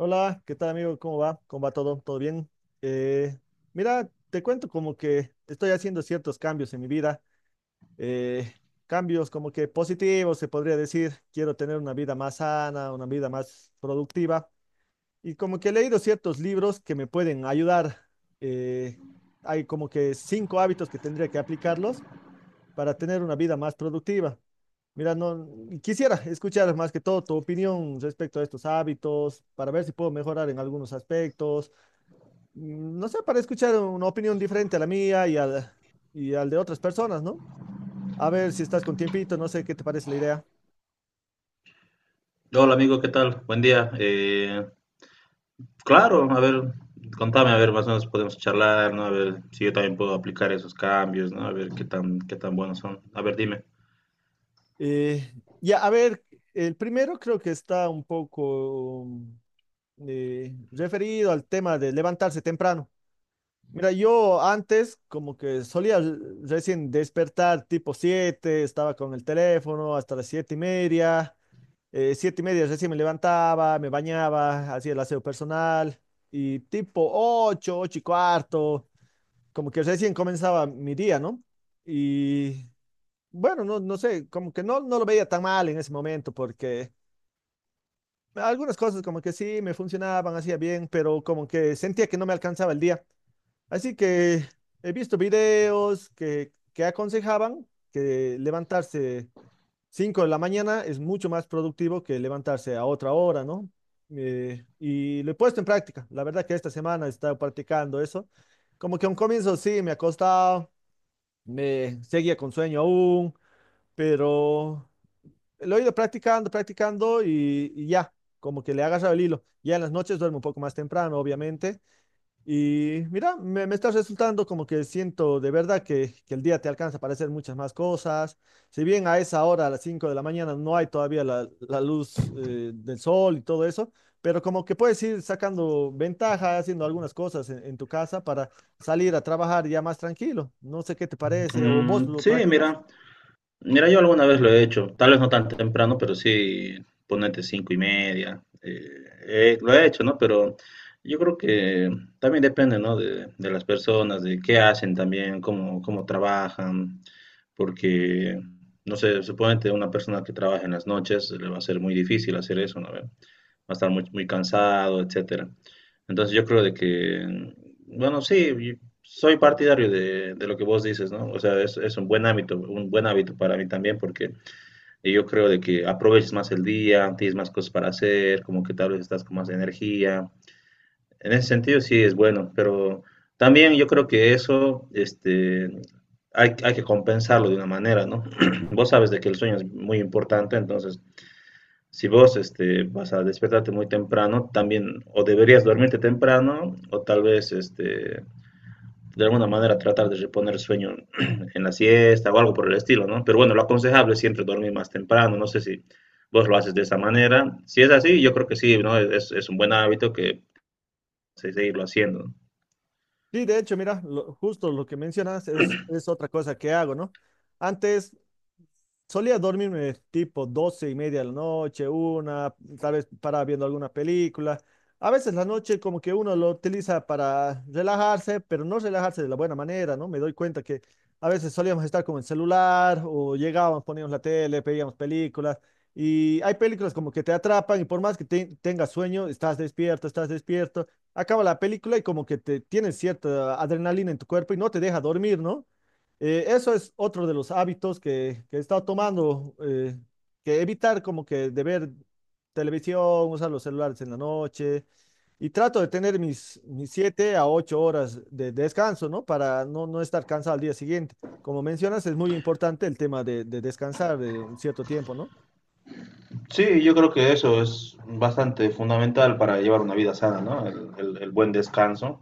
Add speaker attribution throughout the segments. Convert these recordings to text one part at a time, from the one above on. Speaker 1: Hola, ¿qué tal amigo? ¿Cómo va? ¿Cómo va todo? ¿Todo bien? Eh, Mira, te cuento como que estoy haciendo ciertos cambios en mi vida, eh, cambios como que positivos, se podría decir. Quiero tener una vida más sana, una vida más productiva y como que he leído ciertos libros que me pueden ayudar. Eh, Hay como que cinco hábitos que tendría que aplicarlos para tener una vida más productiva. Mira, no quisiera escuchar más que todo tu opinión respecto a estos hábitos, para ver si puedo mejorar en algunos aspectos. No sé, para escuchar una opinión diferente a la mía y al de otras personas, ¿no? A ver si estás con tiempito, no sé qué te parece la idea.
Speaker 2: Hola amigo, ¿qué tal? Buen día. Claro, a ver, contame, a ver, más o menos podemos charlar, ¿no? A ver si yo también puedo aplicar esos cambios, ¿no? A ver qué tan buenos son. A ver, dime.
Speaker 1: Eh, ya, a ver, el primero creo que está un poco referido al tema de levantarse temprano. Mira, yo antes como que recién despertar tipo 7, estaba con el teléfono hasta las 7 y media, 7 y media recién me levantaba, me bañaba, hacía el aseo personal y tipo 8, 8 y cuarto, como que recién comenzaba mi día, ¿no? Y bueno, no sé, como que no lo veía tan mal en ese momento porque algunas cosas como que sí me funcionaban, hacía bien, pero como que sentía que no me alcanzaba el día. Así que he visto videos que aconsejaban que levantarse 5 de la mañana es mucho más productivo que levantarse a otra hora, ¿no? Y lo he puesto en práctica. La verdad que esta semana he estado practicando eso. Como que a un comienzo sí me ha costado, me seguía con sueño aún, pero lo he ido practicando, practicando y ya, como que le he agarrado el hilo. Ya en las noches duermo un poco más temprano, obviamente y mira, me está resultando como que siento de verdad que el día te alcanza para hacer muchas más cosas. Si bien a esa hora, a las 5 de la mañana, no hay todavía la luz del sol y todo eso, pero como que puedes ir sacando ventaja, haciendo algunas cosas en tu casa para salir a trabajar ya más tranquilo. No sé qué te parece o vos
Speaker 2: Mm,
Speaker 1: lo
Speaker 2: sí,
Speaker 1: practicas.
Speaker 2: mira. Mira, yo alguna vez lo he hecho, tal vez no tan temprano, pero sí, ponete cinco y media, lo he hecho, ¿no? Pero yo creo que también depende, ¿no? De las personas, de qué hacen también, cómo trabajan, porque, no sé, suponete una persona que trabaja en las noches, le va a ser muy difícil hacer eso, ¿no? A estar muy cansado, etcétera. Entonces yo creo de que, bueno, sí, yo soy partidario de lo que vos dices, ¿no? O sea, es un buen hábito para mí también, porque yo creo de que aproveches más el día, tienes más cosas para hacer, como que tal vez estás con más energía. En ese sentido sí es bueno, pero también yo creo que eso, este, hay que compensarlo de una manera, ¿no? Vos sabes de que el sueño es muy importante, entonces si vos este, vas a despertarte muy temprano, también o deberías dormirte temprano o tal vez este, de alguna manera tratar de reponer sueño en la siesta o algo por el estilo, ¿no? Pero bueno, lo aconsejable es siempre dormir más temprano, no sé si vos lo haces de esa manera. Si es así, yo creo que sí, ¿no? Es un buen hábito que se seguirlo haciendo. ¿No?
Speaker 1: Sí, de hecho, mira, justo lo que mencionas es otra cosa que hago, ¿no? Antes solía dormirme tipo 12 y media de la noche, una, tal vez paraba viendo alguna película. A veces la noche como que uno lo utiliza para relajarse, pero no relajarse de la buena manera, ¿no? Me doy cuenta que a veces solíamos estar con el celular o llegábamos, poníamos la tele, pedíamos películas y hay películas como que te atrapan y por más que tengas sueño, estás despierto, acaba la película y como que te tienes cierta adrenalina en tu cuerpo y no te deja dormir, ¿no? Eso es otro de los hábitos que he estado tomando, que evitar como que de ver televisión, usar los celulares en la noche y trato de tener mis 7 a 8 horas de descanso, ¿no? Para no estar cansado al día siguiente. Como mencionas, es muy importante el tema de descansar de un cierto tiempo, ¿no?
Speaker 2: Sí, yo creo que eso es bastante fundamental para llevar una vida sana, ¿no? El buen descanso.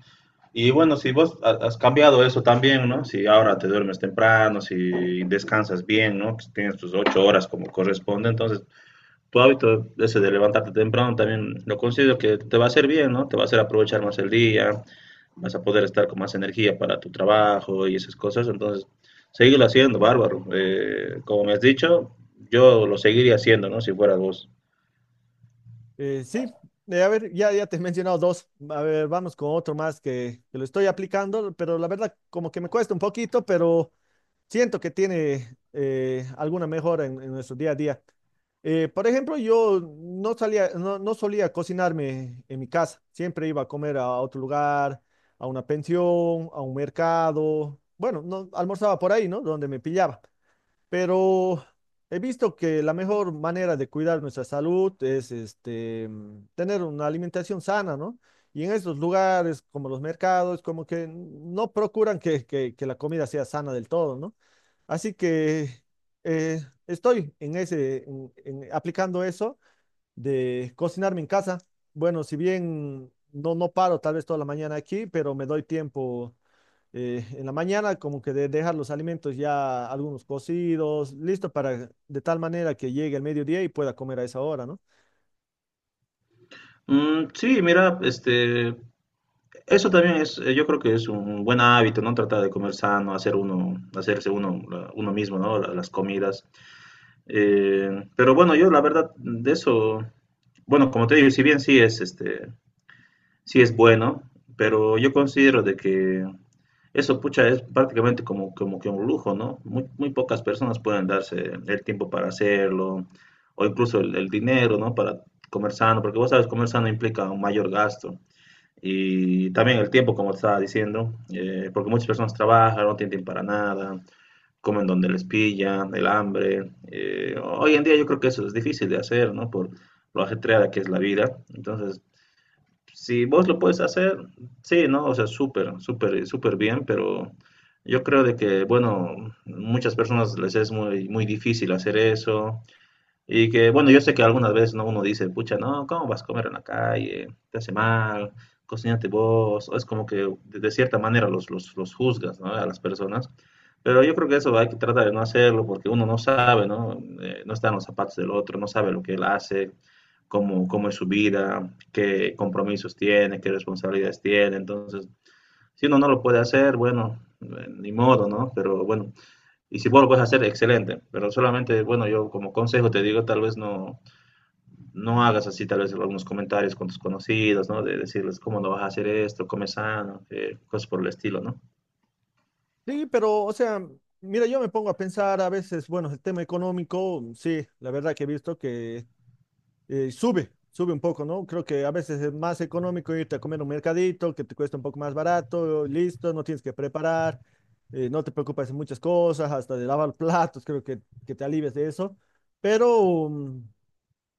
Speaker 2: Y bueno, si vos has cambiado eso también, ¿no? Si ahora te duermes temprano, si descansas bien, ¿no? Que tienes tus 8 horas como corresponde, entonces tu hábito ese de levantarte temprano también lo considero que te va a hacer bien, ¿no? Te va a hacer aprovechar más el día, vas a poder estar con más energía para tu trabajo y esas cosas, entonces seguirlo haciendo, bárbaro. Como me has dicho, yo lo seguiría haciendo, ¿no? Si fuera vos.
Speaker 1: Sí, a ver, ya te he mencionado dos. A ver, vamos con otro más que lo estoy aplicando, pero la verdad como que me cuesta un poquito, pero siento que tiene alguna mejora en nuestro día a día. Por ejemplo, yo no salía, no solía cocinarme en mi casa. Siempre iba a comer a otro lugar, a una pensión, a un mercado. Bueno, no almorzaba por ahí, ¿no? Donde me pillaba. Pero he visto que la mejor manera de cuidar nuestra salud es este, tener una alimentación sana, ¿no? Y en estos lugares, como los mercados, como que no procuran que la comida sea sana del todo, ¿no? Así que eh, estoy en ese, aplicando eso de cocinarme en casa. Bueno, si bien no paro tal vez toda la mañana aquí, pero me doy tiempo en la mañana como que de dejar los alimentos ya algunos cocidos, listo para de tal manera que llegue el mediodía y pueda comer a esa hora, ¿no?
Speaker 2: Mm, sí, mira, este, eso también es, yo creo que es un buen hábito, ¿no? Tratar de comer sano, hacer uno, hacerse uno, uno mismo, ¿no? Las comidas. Eh, pero bueno, yo la verdad de eso, bueno, como te digo, si bien sí es, este, sí es bueno, pero yo considero de que eso, pucha, es prácticamente como, como que un lujo, ¿no? Muy pocas personas pueden darse el tiempo para hacerlo, o incluso el dinero, ¿no? Para comer sano, porque vos sabes, comer sano implica un mayor gasto. Y también el tiempo, como estaba diciendo, porque muchas personas trabajan, no tienen tiempo para nada, comen donde les pillan el hambre. Hoy en día yo creo que eso es difícil de hacer, ¿no? Por lo ajetreada que es la vida. Entonces, si vos lo puedes hacer, sí, ¿no? O sea, súper bien, pero yo creo de que, bueno, muchas personas les es muy difícil hacer eso. Y que, bueno, yo sé que algunas veces ¿no? Uno dice, pucha, no, ¿cómo vas a comer en la calle? Te hace mal, cocínate vos. O es como que de cierta manera los juzgas, ¿no? A las personas. Pero yo creo que eso hay que tratar de no hacerlo porque uno no sabe, ¿no? No está en los zapatos del otro, no sabe lo que él hace, cómo es su vida, qué compromisos tiene, qué responsabilidades tiene. Entonces, si uno no lo puede hacer, bueno, ni modo, ¿no? Pero bueno, y si vos lo puedes hacer, excelente. Pero solamente, bueno, yo como consejo te digo, tal vez no, no hagas así, tal vez algunos comentarios con tus conocidos, ¿no? De decirles, ¿cómo no vas a hacer esto? Come sano, cosas por el estilo, ¿no?
Speaker 1: Sí, pero o sea, mira, yo me pongo a pensar a veces, bueno, el tema económico, sí, la verdad que he visto que sube, sube un poco, ¿no? Creo que a veces es más económico irte a comer un mercadito que te cuesta un poco más barato, listo, no tienes que preparar, no te preocupas de muchas cosas, hasta de lavar platos, creo que te alivias de eso. Pero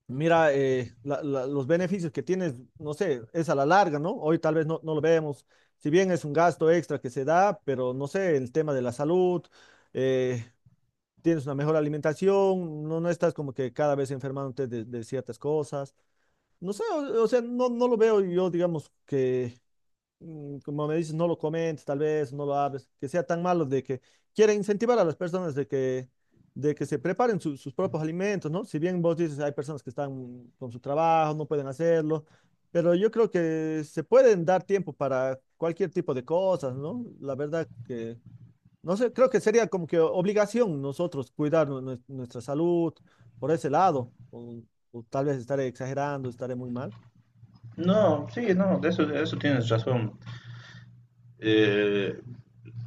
Speaker 1: mira, los beneficios que tienes, no sé, es a la larga, ¿no? Hoy tal vez no lo vemos, si bien es un gasto extra que se da, pero no sé, el tema de la salud, eh, tienes una mejor alimentación, no estás como que cada vez enfermándote de ciertas cosas. No sé, o sea, no lo veo yo, digamos, que, como me dices, no lo comentes, tal vez, no lo hables, que sea tan malo de que quiere incentivar a las personas de de que se preparen sus propios alimentos, ¿no? Si bien vos dices, hay personas que están con su trabajo, no pueden hacerlo, pero yo creo que se pueden dar tiempo para cualquier tipo de cosas, ¿no? La verdad que, no sé, creo que sería como que obligación nosotros cuidar nuestra salud por ese lado, o tal vez estaré exagerando, estaré muy mal.
Speaker 2: No, sí, no, de eso tienes razón. Eh,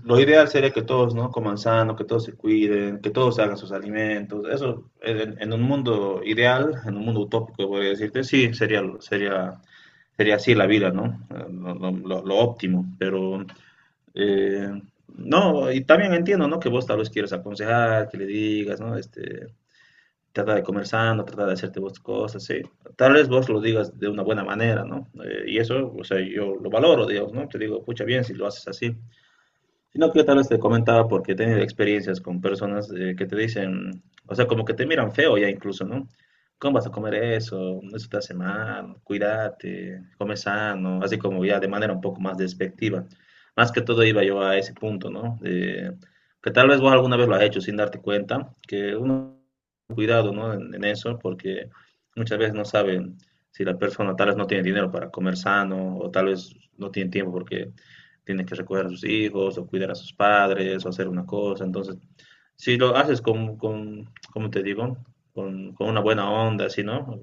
Speaker 2: lo ideal sería que todos, ¿no? Coman sano, que todos se cuiden, que todos hagan sus alimentos. Eso, en un mundo ideal, en un mundo utópico, voy a decirte, sí, sería así la vida, ¿no? Lo óptimo, pero eh, no, y también entiendo, ¿no? Que vos tal vez quieras aconsejar, que le digas, ¿no? Este, trata de comer sano, trata de hacerte vos cosas, sí. Tal vez vos lo digas de una buena manera, ¿no? Y eso, o sea, yo lo valoro, Dios, ¿no? Te digo, pucha, bien si lo haces así. Sino que tal vez te comentaba porque he tenido experiencias con personas que te dicen, o sea, como que te miran feo ya incluso, ¿no? ¿Cómo vas a comer eso? Eso te hace mal, cuídate, come sano, así como ya de manera un poco más despectiva. Más que todo iba yo a ese punto, ¿no? Que tal vez vos alguna vez lo has hecho sin darte cuenta, que uno cuidado, ¿no? En eso, porque muchas veces no saben si la persona tal vez no tiene dinero para comer sano o tal vez no tiene tiempo porque tiene que recordar a sus hijos o cuidar a sus padres o hacer una cosa. Entonces, si lo haces con ¿cómo te digo? Con una buena onda, así, ¿no?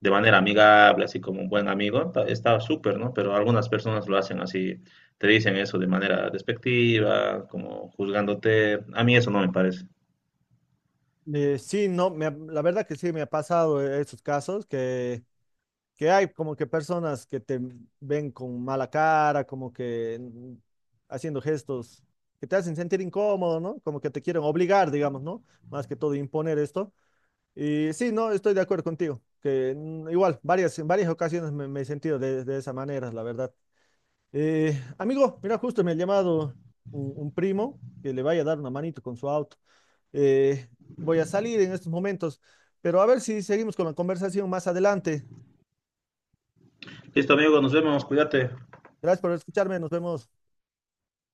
Speaker 2: De manera amigable, así como un buen amigo, está súper, ¿no? Pero algunas personas lo hacen así, te dicen eso de manera despectiva, como juzgándote. A mí eso no me parece.
Speaker 1: Sí, no, la verdad que sí me ha pasado esos casos que hay como que personas que te ven con mala cara, como que haciendo gestos que te hacen sentir incómodo, ¿no? Como que te quieren obligar, digamos, ¿no? Más que todo imponer esto. Y sí, no, estoy de acuerdo contigo, que igual, en varias ocasiones me he sentido de esa manera, la verdad. Amigo, mira, justo me ha llamado un primo que le vaya a dar una manito con su auto. Eh, Voy a salir en estos momentos, pero a ver si seguimos con la conversación más adelante.
Speaker 2: Listo, amigo, nos vemos, cuídate.
Speaker 1: Gracias por escucharme, nos vemos.